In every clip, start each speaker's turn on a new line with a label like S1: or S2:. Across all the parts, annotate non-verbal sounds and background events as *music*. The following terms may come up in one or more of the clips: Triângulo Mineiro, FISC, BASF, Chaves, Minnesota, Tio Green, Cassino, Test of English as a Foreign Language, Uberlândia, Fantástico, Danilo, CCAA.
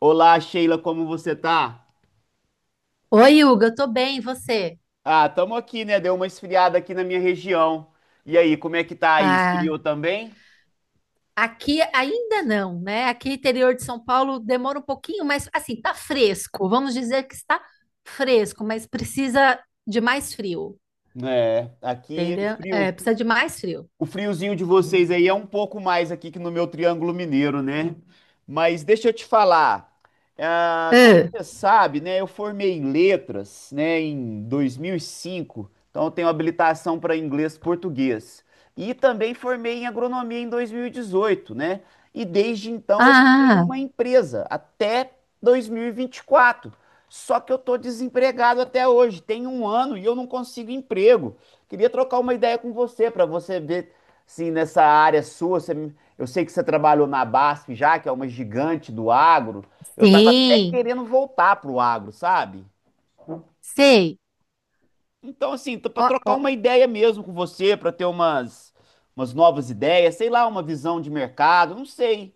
S1: Olá, Sheila, como você tá?
S2: Oi, Hugo, eu tô bem, e você?
S1: Ah, tamo aqui, né? Deu uma esfriada aqui na minha região. E aí, como é que tá aí?
S2: Ah,
S1: Esfriou também?
S2: aqui ainda não, né? Aqui interior de São Paulo demora um pouquinho, mas assim, tá fresco. Vamos dizer que está fresco, mas precisa de mais frio,
S1: É, aqui o
S2: entendeu?
S1: frio.
S2: É, precisa de mais frio.
S1: O friozinho de vocês aí é um pouco mais aqui que no meu Triângulo Mineiro, né? Mas deixa eu te falar. Como
S2: É.
S1: você sabe, né? Eu formei em letras, né, em dois mil e cinco. Então eu tenho habilitação para inglês e português. E também formei em agronomia em 2018, né? E desde então eu fiquei
S2: Ah,
S1: numa empresa até dois mil e vinte e quatro. Só que eu tô desempregado até hoje. Tem um ano e eu não consigo emprego. Queria trocar uma ideia com você para você ver. Sim, nessa área sua, eu sei que você trabalhou na BASF já, que é uma gigante do agro. Eu estava até
S2: sim,
S1: querendo voltar pro agro, sabe?
S2: sei.
S1: Então, assim, para
S2: Ó,
S1: trocar uma
S2: ó,
S1: ideia mesmo com você, para ter umas novas ideias, sei lá, uma visão de mercado, não sei.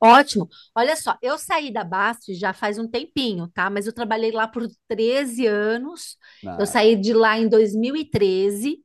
S2: ótimo. Olha só, eu saí da Bast já faz um tempinho, tá? Mas eu trabalhei lá por 13 anos. Eu
S1: Ah,
S2: saí de lá em 2013.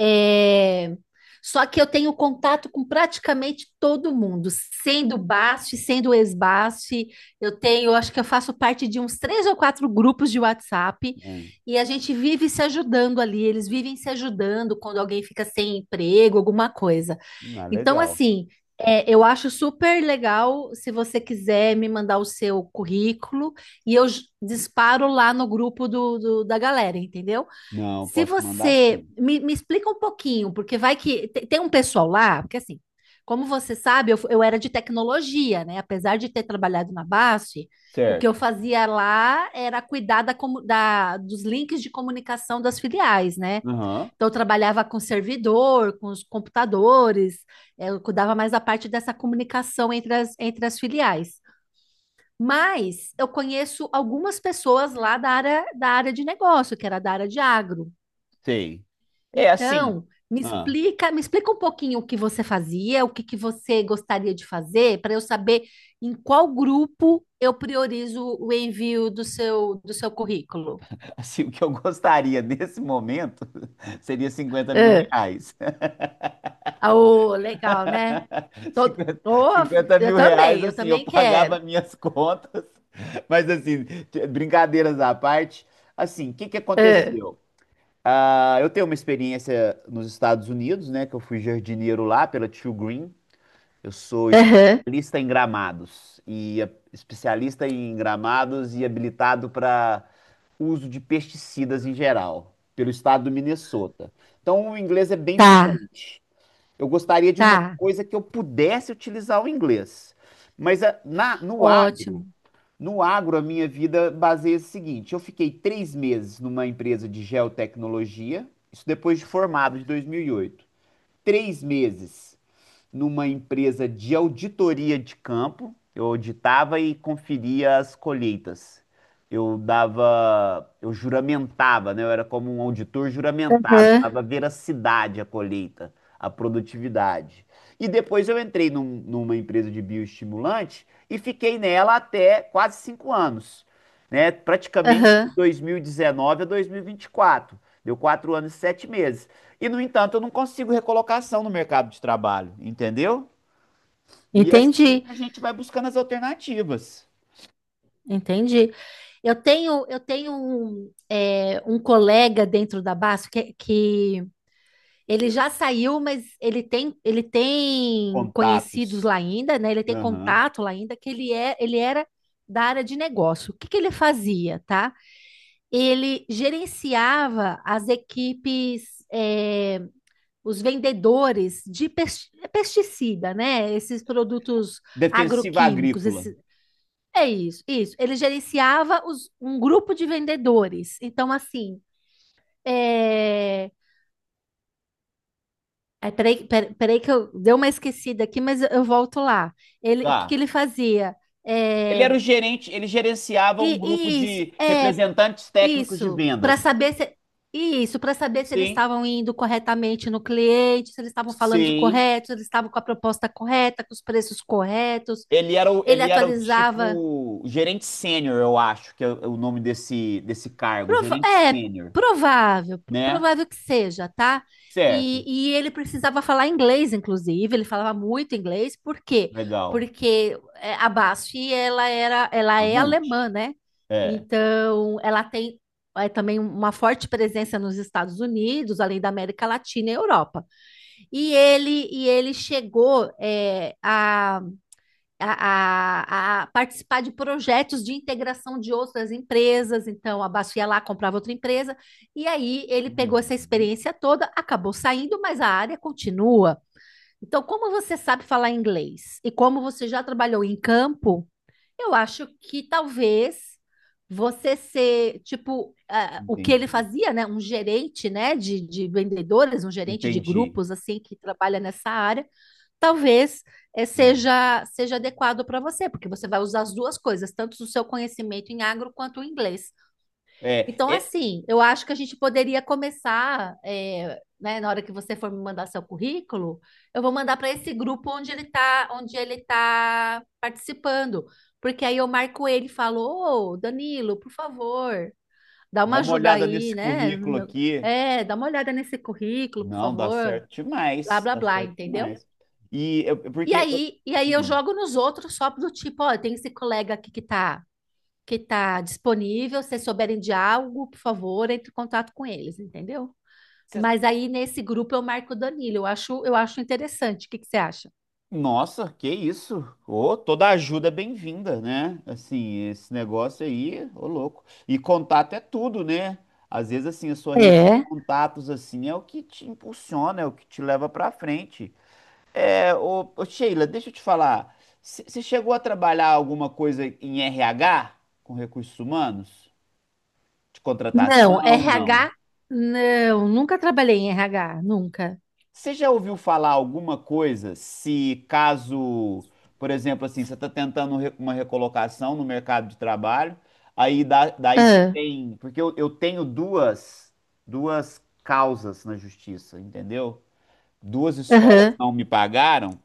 S2: É. Só que eu tenho contato com praticamente todo mundo, sendo BASF, sendo ex-BASF. Eu tenho, acho que eu faço parte de uns três ou quatro grupos de WhatsApp
S1: é.
S2: e a gente vive se ajudando ali. Eles vivem se ajudando quando alguém fica sem emprego, alguma coisa.
S1: Ah,
S2: Então,
S1: legal.
S2: assim, é, eu acho super legal se você quiser me mandar o seu currículo e eu disparo lá no grupo da galera, entendeu?
S1: Não,
S2: Se
S1: posso mandar
S2: você
S1: sim.
S2: me explica um pouquinho, porque vai que tem um pessoal lá, porque assim, como você sabe, eu era de tecnologia, né? Apesar de ter trabalhado na BASF, o que eu
S1: Certo.
S2: fazia lá era cuidar dos links de comunicação das filiais, né?
S1: Aham,
S2: Então, eu trabalhava com servidor, com os computadores, eu cuidava mais da parte dessa comunicação entre as filiais. Mas eu conheço algumas pessoas lá da área de negócio, que era da área de agro.
S1: sei. É assim.
S2: Então, me
S1: Ah,
S2: explica, me explica um pouquinho o que você fazia, o que que você gostaria de fazer, para eu saber em qual grupo eu priorizo o envio do seu currículo.
S1: *laughs* assim, o que eu gostaria nesse momento *laughs* seria cinquenta mil
S2: É.
S1: reais.
S2: Ah, ô, legal, né?
S1: *laughs*
S2: Todo,
S1: 50
S2: ô,
S1: 50
S2: eu
S1: mil reais,
S2: também, eu
S1: assim, eu
S2: também quero.
S1: pagava minhas contas, *laughs* mas assim, brincadeiras à parte, assim, o que que
S2: É.
S1: aconteceu? Ah, eu tenho uma experiência nos Estados Unidos, né, que eu fui jardineiro lá pela Tio Green, eu sou
S2: Aham.
S1: especialista em gramados, especialista em gramados e habilitado para uso de pesticidas em geral, pelo estado do Minnesota. Então, o inglês é bem
S2: Tá,
S1: fluente. Eu gostaria de uma
S2: tá,
S1: coisa que eu pudesse utilizar o inglês. Mas no agro,
S2: ótimo.
S1: no agro, a minha vida baseia-se no seguinte: eu fiquei 3 meses numa empresa de geotecnologia, isso depois de formado, de 2008. 3 meses numa empresa de auditoria de campo. Eu auditava e conferia as colheitas. Eu juramentava, né? Eu era como um auditor juramentado,
S2: Aham,
S1: dava veracidade à colheita, à produtividade. E depois eu entrei numa empresa de bioestimulante e fiquei nela até quase 5 anos, né? Praticamente de
S2: aham.
S1: 2019 a 2024. Deu 4 anos e 7 meses. E, no entanto, eu não consigo recolocação no mercado de trabalho, entendeu? E assim
S2: Entendi,
S1: a gente vai buscando as alternativas.
S2: entendi. Eu tenho um, é, um colega dentro da BASF que, ele já saiu, mas ele tem conhecidos
S1: Contatos.
S2: lá ainda, né? Ele tem
S1: Aham.
S2: contato lá ainda, que ele é, ele era da área de negócio. O que que ele fazia, tá? Ele gerenciava as equipes, os vendedores de pesticida, né? Esses produtos
S1: Defensiva
S2: agroquímicos,
S1: agrícola.
S2: é isso, isso. Ele gerenciava um grupo de vendedores. Então, assim, é. É, peraí que eu dei uma esquecida aqui, mas eu volto lá. Ele, o que que
S1: Tá.
S2: ele fazia?
S1: Ele
S2: É,
S1: era o gerente, ele gerenciava um
S2: e,
S1: grupo
S2: e isso,
S1: de
S2: é
S1: representantes técnicos de
S2: isso,
S1: vendas.
S2: para saber se eles
S1: Sim,
S2: estavam indo corretamente no cliente, se eles estavam falando do
S1: sei.
S2: correto, se eles estavam com a proposta correta, com os preços corretos.
S1: Ele era o,
S2: Ele
S1: ele era o
S2: atualizava.
S1: tipo gerente sênior, eu acho, que é o nome desse, desse cargo, gerente
S2: É
S1: sênior,
S2: provável,
S1: né?
S2: provável que seja, tá? E,
S1: Certo.
S2: e ele precisava falar inglês, inclusive, ele falava muito inglês, por quê?
S1: Legal.
S2: Porque a Basf, ela era, ela é
S1: Mamute.
S2: alemã, né?
S1: É.
S2: Então, ela tem também uma forte presença nos Estados Unidos, além da América Latina e Europa. E ele chegou a participar de projetos de integração de outras empresas. Então, a Baço ia lá, comprava outra empresa, e aí ele pegou essa
S1: Uhum.
S2: experiência toda, acabou saindo, mas a área continua. Então, como você sabe falar inglês e como você já trabalhou em campo, eu acho que talvez você ser, tipo, o que ele
S1: Entendi,
S2: fazia, né? Um gerente, né, de vendedores, um gerente de
S1: entendi.
S2: grupos, assim, que trabalha nessa área talvez seja adequado para você, porque você vai usar as duas coisas, tanto o seu conhecimento em agro quanto o inglês.
S1: É,
S2: Então,
S1: é, é,
S2: assim, eu acho que a gente poderia começar, né, na hora que você for me mandar seu currículo, eu vou mandar para esse grupo onde ele está, onde ele tá participando, porque aí eu marco ele e falo, ô, Danilo, por favor, dá
S1: dá
S2: uma
S1: uma
S2: ajuda
S1: olhada
S2: aí,
S1: nesse
S2: né? no
S1: currículo
S2: meu-
S1: aqui.
S2: É, dá uma olhada nesse currículo, por
S1: Não, dá
S2: favor,
S1: certo
S2: blá,
S1: demais,
S2: blá,
S1: dá
S2: blá,
S1: certo
S2: entendeu?
S1: demais. E eu-
S2: E
S1: porque, eu-
S2: aí, e aí eu
S1: hum,
S2: jogo nos outros só do tipo, ó, tem esse colega aqui que tá disponível, se souberem de algo, por favor, entre em contato com eles, entendeu?
S1: cê-
S2: Mas aí nesse grupo eu marco o Danilo, eu acho interessante. O que que você acha?
S1: Nossa, que isso? Ô, toda ajuda é bem-vinda, né? Assim, esse negócio aí, ô louco. E contato é tudo, né? Às vezes, assim, a sua rede de
S2: É.
S1: contatos, assim, é o que te impulsiona, é o que te leva pra frente. É, ô, Sheila, deixa eu te falar. Você chegou a trabalhar alguma coisa em RH, com recursos humanos? De
S2: Não,
S1: contratação? Não.
S2: RH, não, nunca trabalhei em RH, nunca.
S1: Você já ouviu falar alguma coisa se caso, por exemplo, assim, você está tentando uma recolocação no mercado de trabalho, daí você
S2: Ah,
S1: tem. Porque eu tenho duas, duas causas na justiça, entendeu? Duas escolas
S2: aham,
S1: não me pagaram,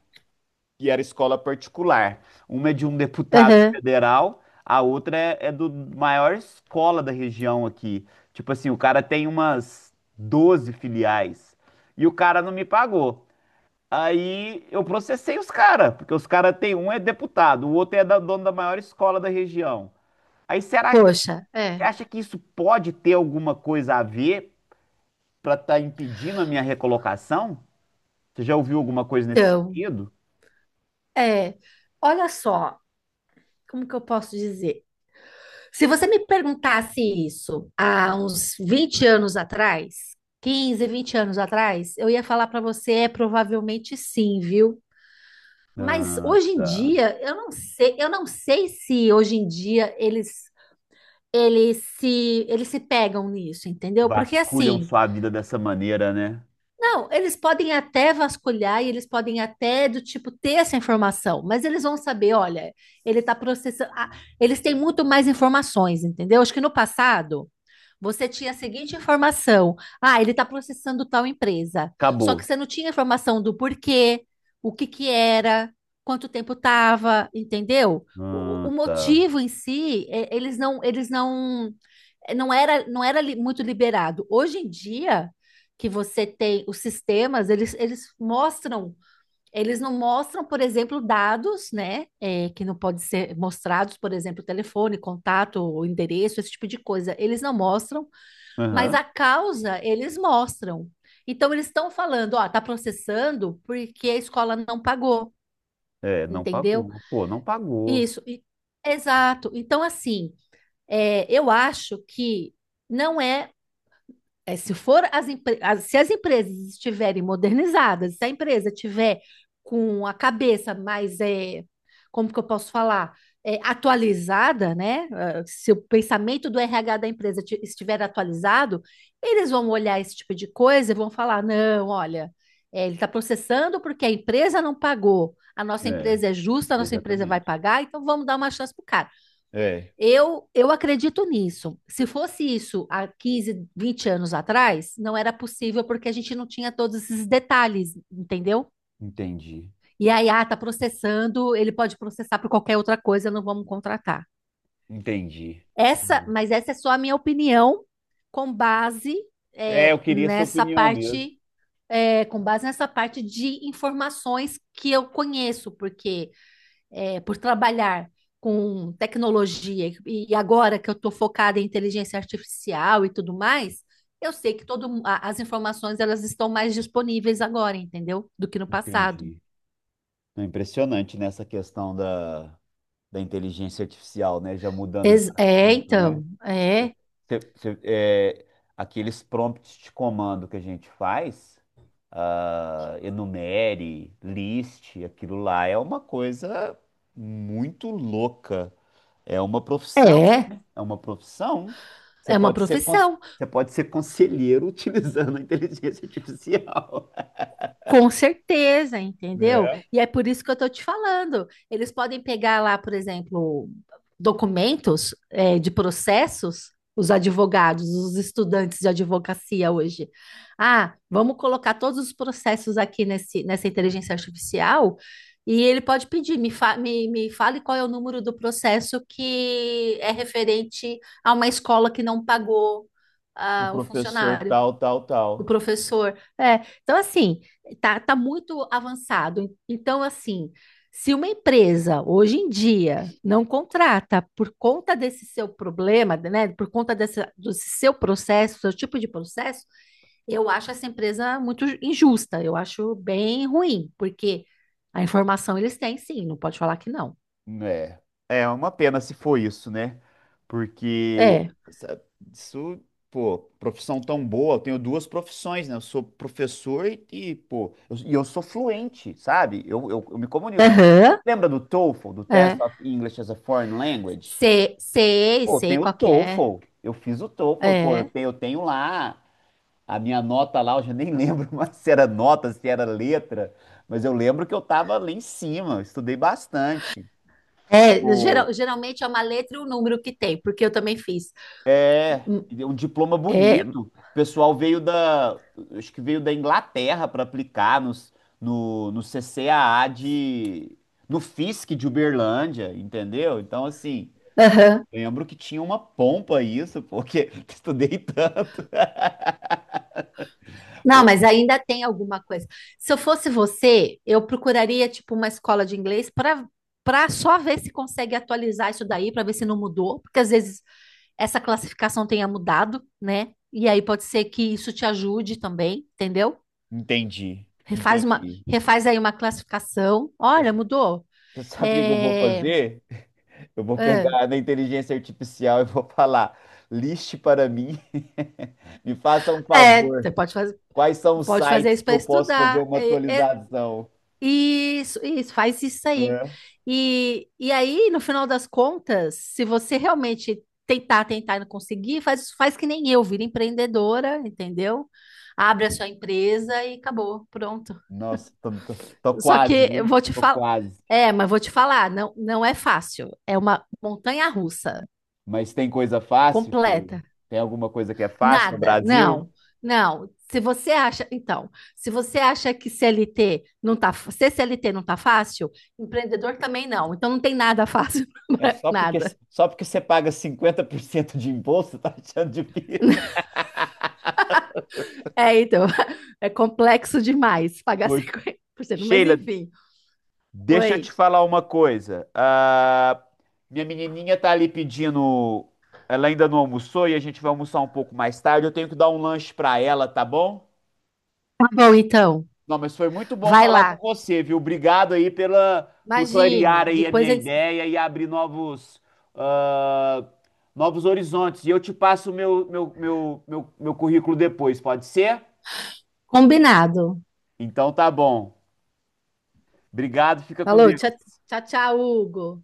S1: que era escola particular. Uma é de um deputado
S2: aham.
S1: federal, a outra é do maior escola da região aqui. Tipo assim, o cara tem umas 12 filiais e o cara não me pagou. Aí eu processei os caras, porque os caras tem um é deputado, o outro é da dono da maior escola da região. Aí será que
S2: Poxa, é.
S1: você acha que isso pode ter alguma coisa a ver para estar impedindo a minha recolocação? Você já ouviu alguma coisa nesse
S2: Então,
S1: sentido?
S2: é, olha só, como que eu posso dizer? Se você me perguntasse isso há uns 20 anos atrás, 15, 20 anos atrás, eu ia falar para você, é provavelmente sim, viu? Mas
S1: Ah,
S2: hoje em
S1: tá.
S2: dia, eu não sei se hoje em dia eles se pegam nisso, entendeu? Porque
S1: Vasculham
S2: assim,
S1: sua vida dessa maneira, né?
S2: não, eles podem até vasculhar e eles podem até do tipo ter essa informação, mas eles vão saber, olha, ele está processando. Ah, eles têm muito mais informações, entendeu? Acho que no passado você tinha a seguinte informação: ah, ele está processando tal empresa. Só
S1: Acabou.
S2: que você não tinha informação do porquê, o que que era, quanto tempo estava, entendeu? O,
S1: Ah,
S2: o
S1: tá.
S2: motivo em si, eles não, não era, não era muito liberado. Hoje em dia que você tem, os sistemas, eles mostram. Eles não mostram, por exemplo, dados, né? É, que não podem ser mostrados, por exemplo, telefone, contato, endereço, esse tipo de coisa. Eles não mostram, mas
S1: Aham.
S2: a causa eles mostram. Então eles estão falando, ó, tá processando porque a escola não pagou,
S1: É, não
S2: entendeu?
S1: pagou. Pô, não pagou.
S2: Isso, exato. Então, assim, é, eu acho que não é. É, se for se as empresas estiverem modernizadas, se a empresa tiver com a cabeça mais, é, como que eu posso falar, é, atualizada, né? Ah, se o pensamento do RH da empresa estiver atualizado, eles vão olhar esse tipo de coisa e vão falar, não, olha, é, ele está processando porque a empresa não pagou, a nossa
S1: É,
S2: empresa é justa, a nossa empresa vai
S1: exatamente.
S2: pagar, então vamos dar uma chance para o cara.
S1: É,
S2: Eu acredito nisso. Se fosse isso há 15, 20 anos atrás, não era possível porque a gente não tinha todos esses detalhes, entendeu?
S1: entendi.
S2: E aí, ah, tá processando, ele pode processar por qualquer outra coisa, não vamos contratar.
S1: Entendi.
S2: Mas essa é só a minha opinião com base
S1: É, eu
S2: é,
S1: queria sua
S2: nessa
S1: opinião mesmo.
S2: parte, com base nessa parte de informações que eu conheço, porque por trabalhar com tecnologia e agora que eu estou focada em inteligência artificial e tudo mais, eu sei que as informações elas estão mais disponíveis agora, entendeu? Do que no passado.
S1: Entendi. É impressionante nessa questão da inteligência artificial, né? Já mudando de
S2: É,
S1: assunto, né?
S2: então,
S1: Cê- cê- é, Aqueles prompts de comando que a gente faz, enumere, list, aquilo lá é uma coisa muito louca. É uma profissão,
S2: é,
S1: né? É uma profissão. Você
S2: é uma
S1: pode ser, cons-
S2: profissão.
S1: você pode ser conselheiro *laughs* utilizando a inteligência artificial,
S2: Com certeza, entendeu?
S1: né?
S2: E é por isso que eu estou te falando. Eles podem pegar lá, por exemplo, documentos, de processos, os advogados, os estudantes de advocacia hoje. Ah, vamos colocar todos os processos aqui nessa inteligência artificial e ele pode pedir, me fale qual é o número do processo que é referente a uma escola que não pagou,
S1: O
S2: ah, o
S1: professor
S2: funcionário.
S1: tal, tal,
S2: O
S1: tal.
S2: professor. É, então, assim, tá muito avançado. Então, assim, se uma empresa hoje em dia não contrata por conta desse seu problema, né, por conta desse, do seu processo, seu tipo de processo, eu acho essa empresa muito injusta. Eu acho bem ruim, porque a informação eles têm, sim, não pode falar que não.
S1: É, é uma pena se for isso, né? Porque
S2: É.
S1: sa- isso, pô, profissão tão boa. Eu tenho duas profissões, né? Eu sou professor e, pô, e eu sou fluente, sabe? Eu me comunico.
S2: Aham,
S1: Lembra do TOEFL, do Test
S2: é.
S1: of English as a Foreign Language?
S2: Sei, sei,
S1: Pô, tem
S2: sei
S1: o
S2: qual que é.
S1: TOEFL. Eu fiz o TOEFL, pô, eu
S2: É.
S1: tenho, eu tenho lá a minha nota lá, eu já nem lembro *laughs* mais se era nota, se era letra, mas eu lembro que eu tava lá em cima, eu estudei bastante.
S2: É, geralmente é uma letra e um número que tem, porque eu também fiz.
S1: É. E um diploma
S2: É,
S1: bonito. O pessoal acho que veio da Inglaterra para aplicar nos, no, no CCAA no FISC de Uberlândia, entendeu? Então, assim,
S2: aham.
S1: lembro que tinha uma pompa isso, porque *laughs* estudei tanto. *laughs*
S2: Não, mas ainda tem alguma coisa. Se eu fosse você, eu procuraria tipo uma escola de inglês para só ver se consegue atualizar isso daí, para ver se não mudou, porque às vezes essa classificação tenha mudado, né? E aí pode ser que isso te ajude também, entendeu?
S1: Entendi,
S2: Refaz uma,
S1: entendi.
S2: refaz aí uma classificação.
S1: Você
S2: Olha, mudou.
S1: você sabe o que que eu vou
S2: É,
S1: fazer? Eu vou
S2: é,
S1: pegar na inteligência artificial e vou falar, liste para mim, *laughs* me faça um
S2: você
S1: favor.
S2: pode fazer.
S1: Quais são os
S2: Pode fazer
S1: sites
S2: isso
S1: que
S2: para
S1: eu posso fazer
S2: estudar.
S1: uma atualização,
S2: Isso, isso, faz isso aí.
S1: né?
S2: E aí, no final das contas, se você realmente tentar, tentar e não conseguir, faz, faz que nem eu, vira empreendedora, entendeu? Abre a sua empresa e acabou, pronto.
S1: Nossa, tô
S2: Só
S1: quase,
S2: que eu
S1: viu?
S2: vou te
S1: Tô
S2: falar,
S1: quase.
S2: mas vou te falar, não, não é fácil, é uma montanha-russa
S1: Mas tem coisa fácil, Sheila?
S2: completa.
S1: Tem alguma coisa que é fácil no
S2: Nada,
S1: Brasil?
S2: não, não. Se você acha, então, se você acha que CLT não tá, se CLT não tá fácil, empreendedor também não. Então não tem nada fácil,
S1: É
S2: *laughs*
S1: só porque,
S2: nada.
S1: só porque você paga 50% de imposto, *laughs* tá achando difícil?
S2: É, então, *laughs* é complexo demais pagar
S1: Hoje.
S2: 50% mas
S1: Sheila,
S2: enfim.
S1: deixa eu te
S2: Oi.
S1: falar uma coisa. Ah, minha menininha tá ali pedindo. Ela ainda não almoçou e a gente vai almoçar um pouco mais tarde. Eu tenho que dar um lanche pra ela, tá bom?
S2: Tá bom, então.
S1: Não, mas foi muito bom
S2: Vai
S1: falar com
S2: lá.
S1: você, viu? Obrigado aí por clarear
S2: Imagina,
S1: aí a
S2: depois
S1: minha
S2: a gente...
S1: ideia e abrir ah, novos horizontes. E eu te passo o meu currículo depois, pode ser?
S2: Combinado.
S1: Então tá bom. Obrigado, fica com
S2: Falou, tchau,
S1: Deus.
S2: tchau, tchau, Hugo.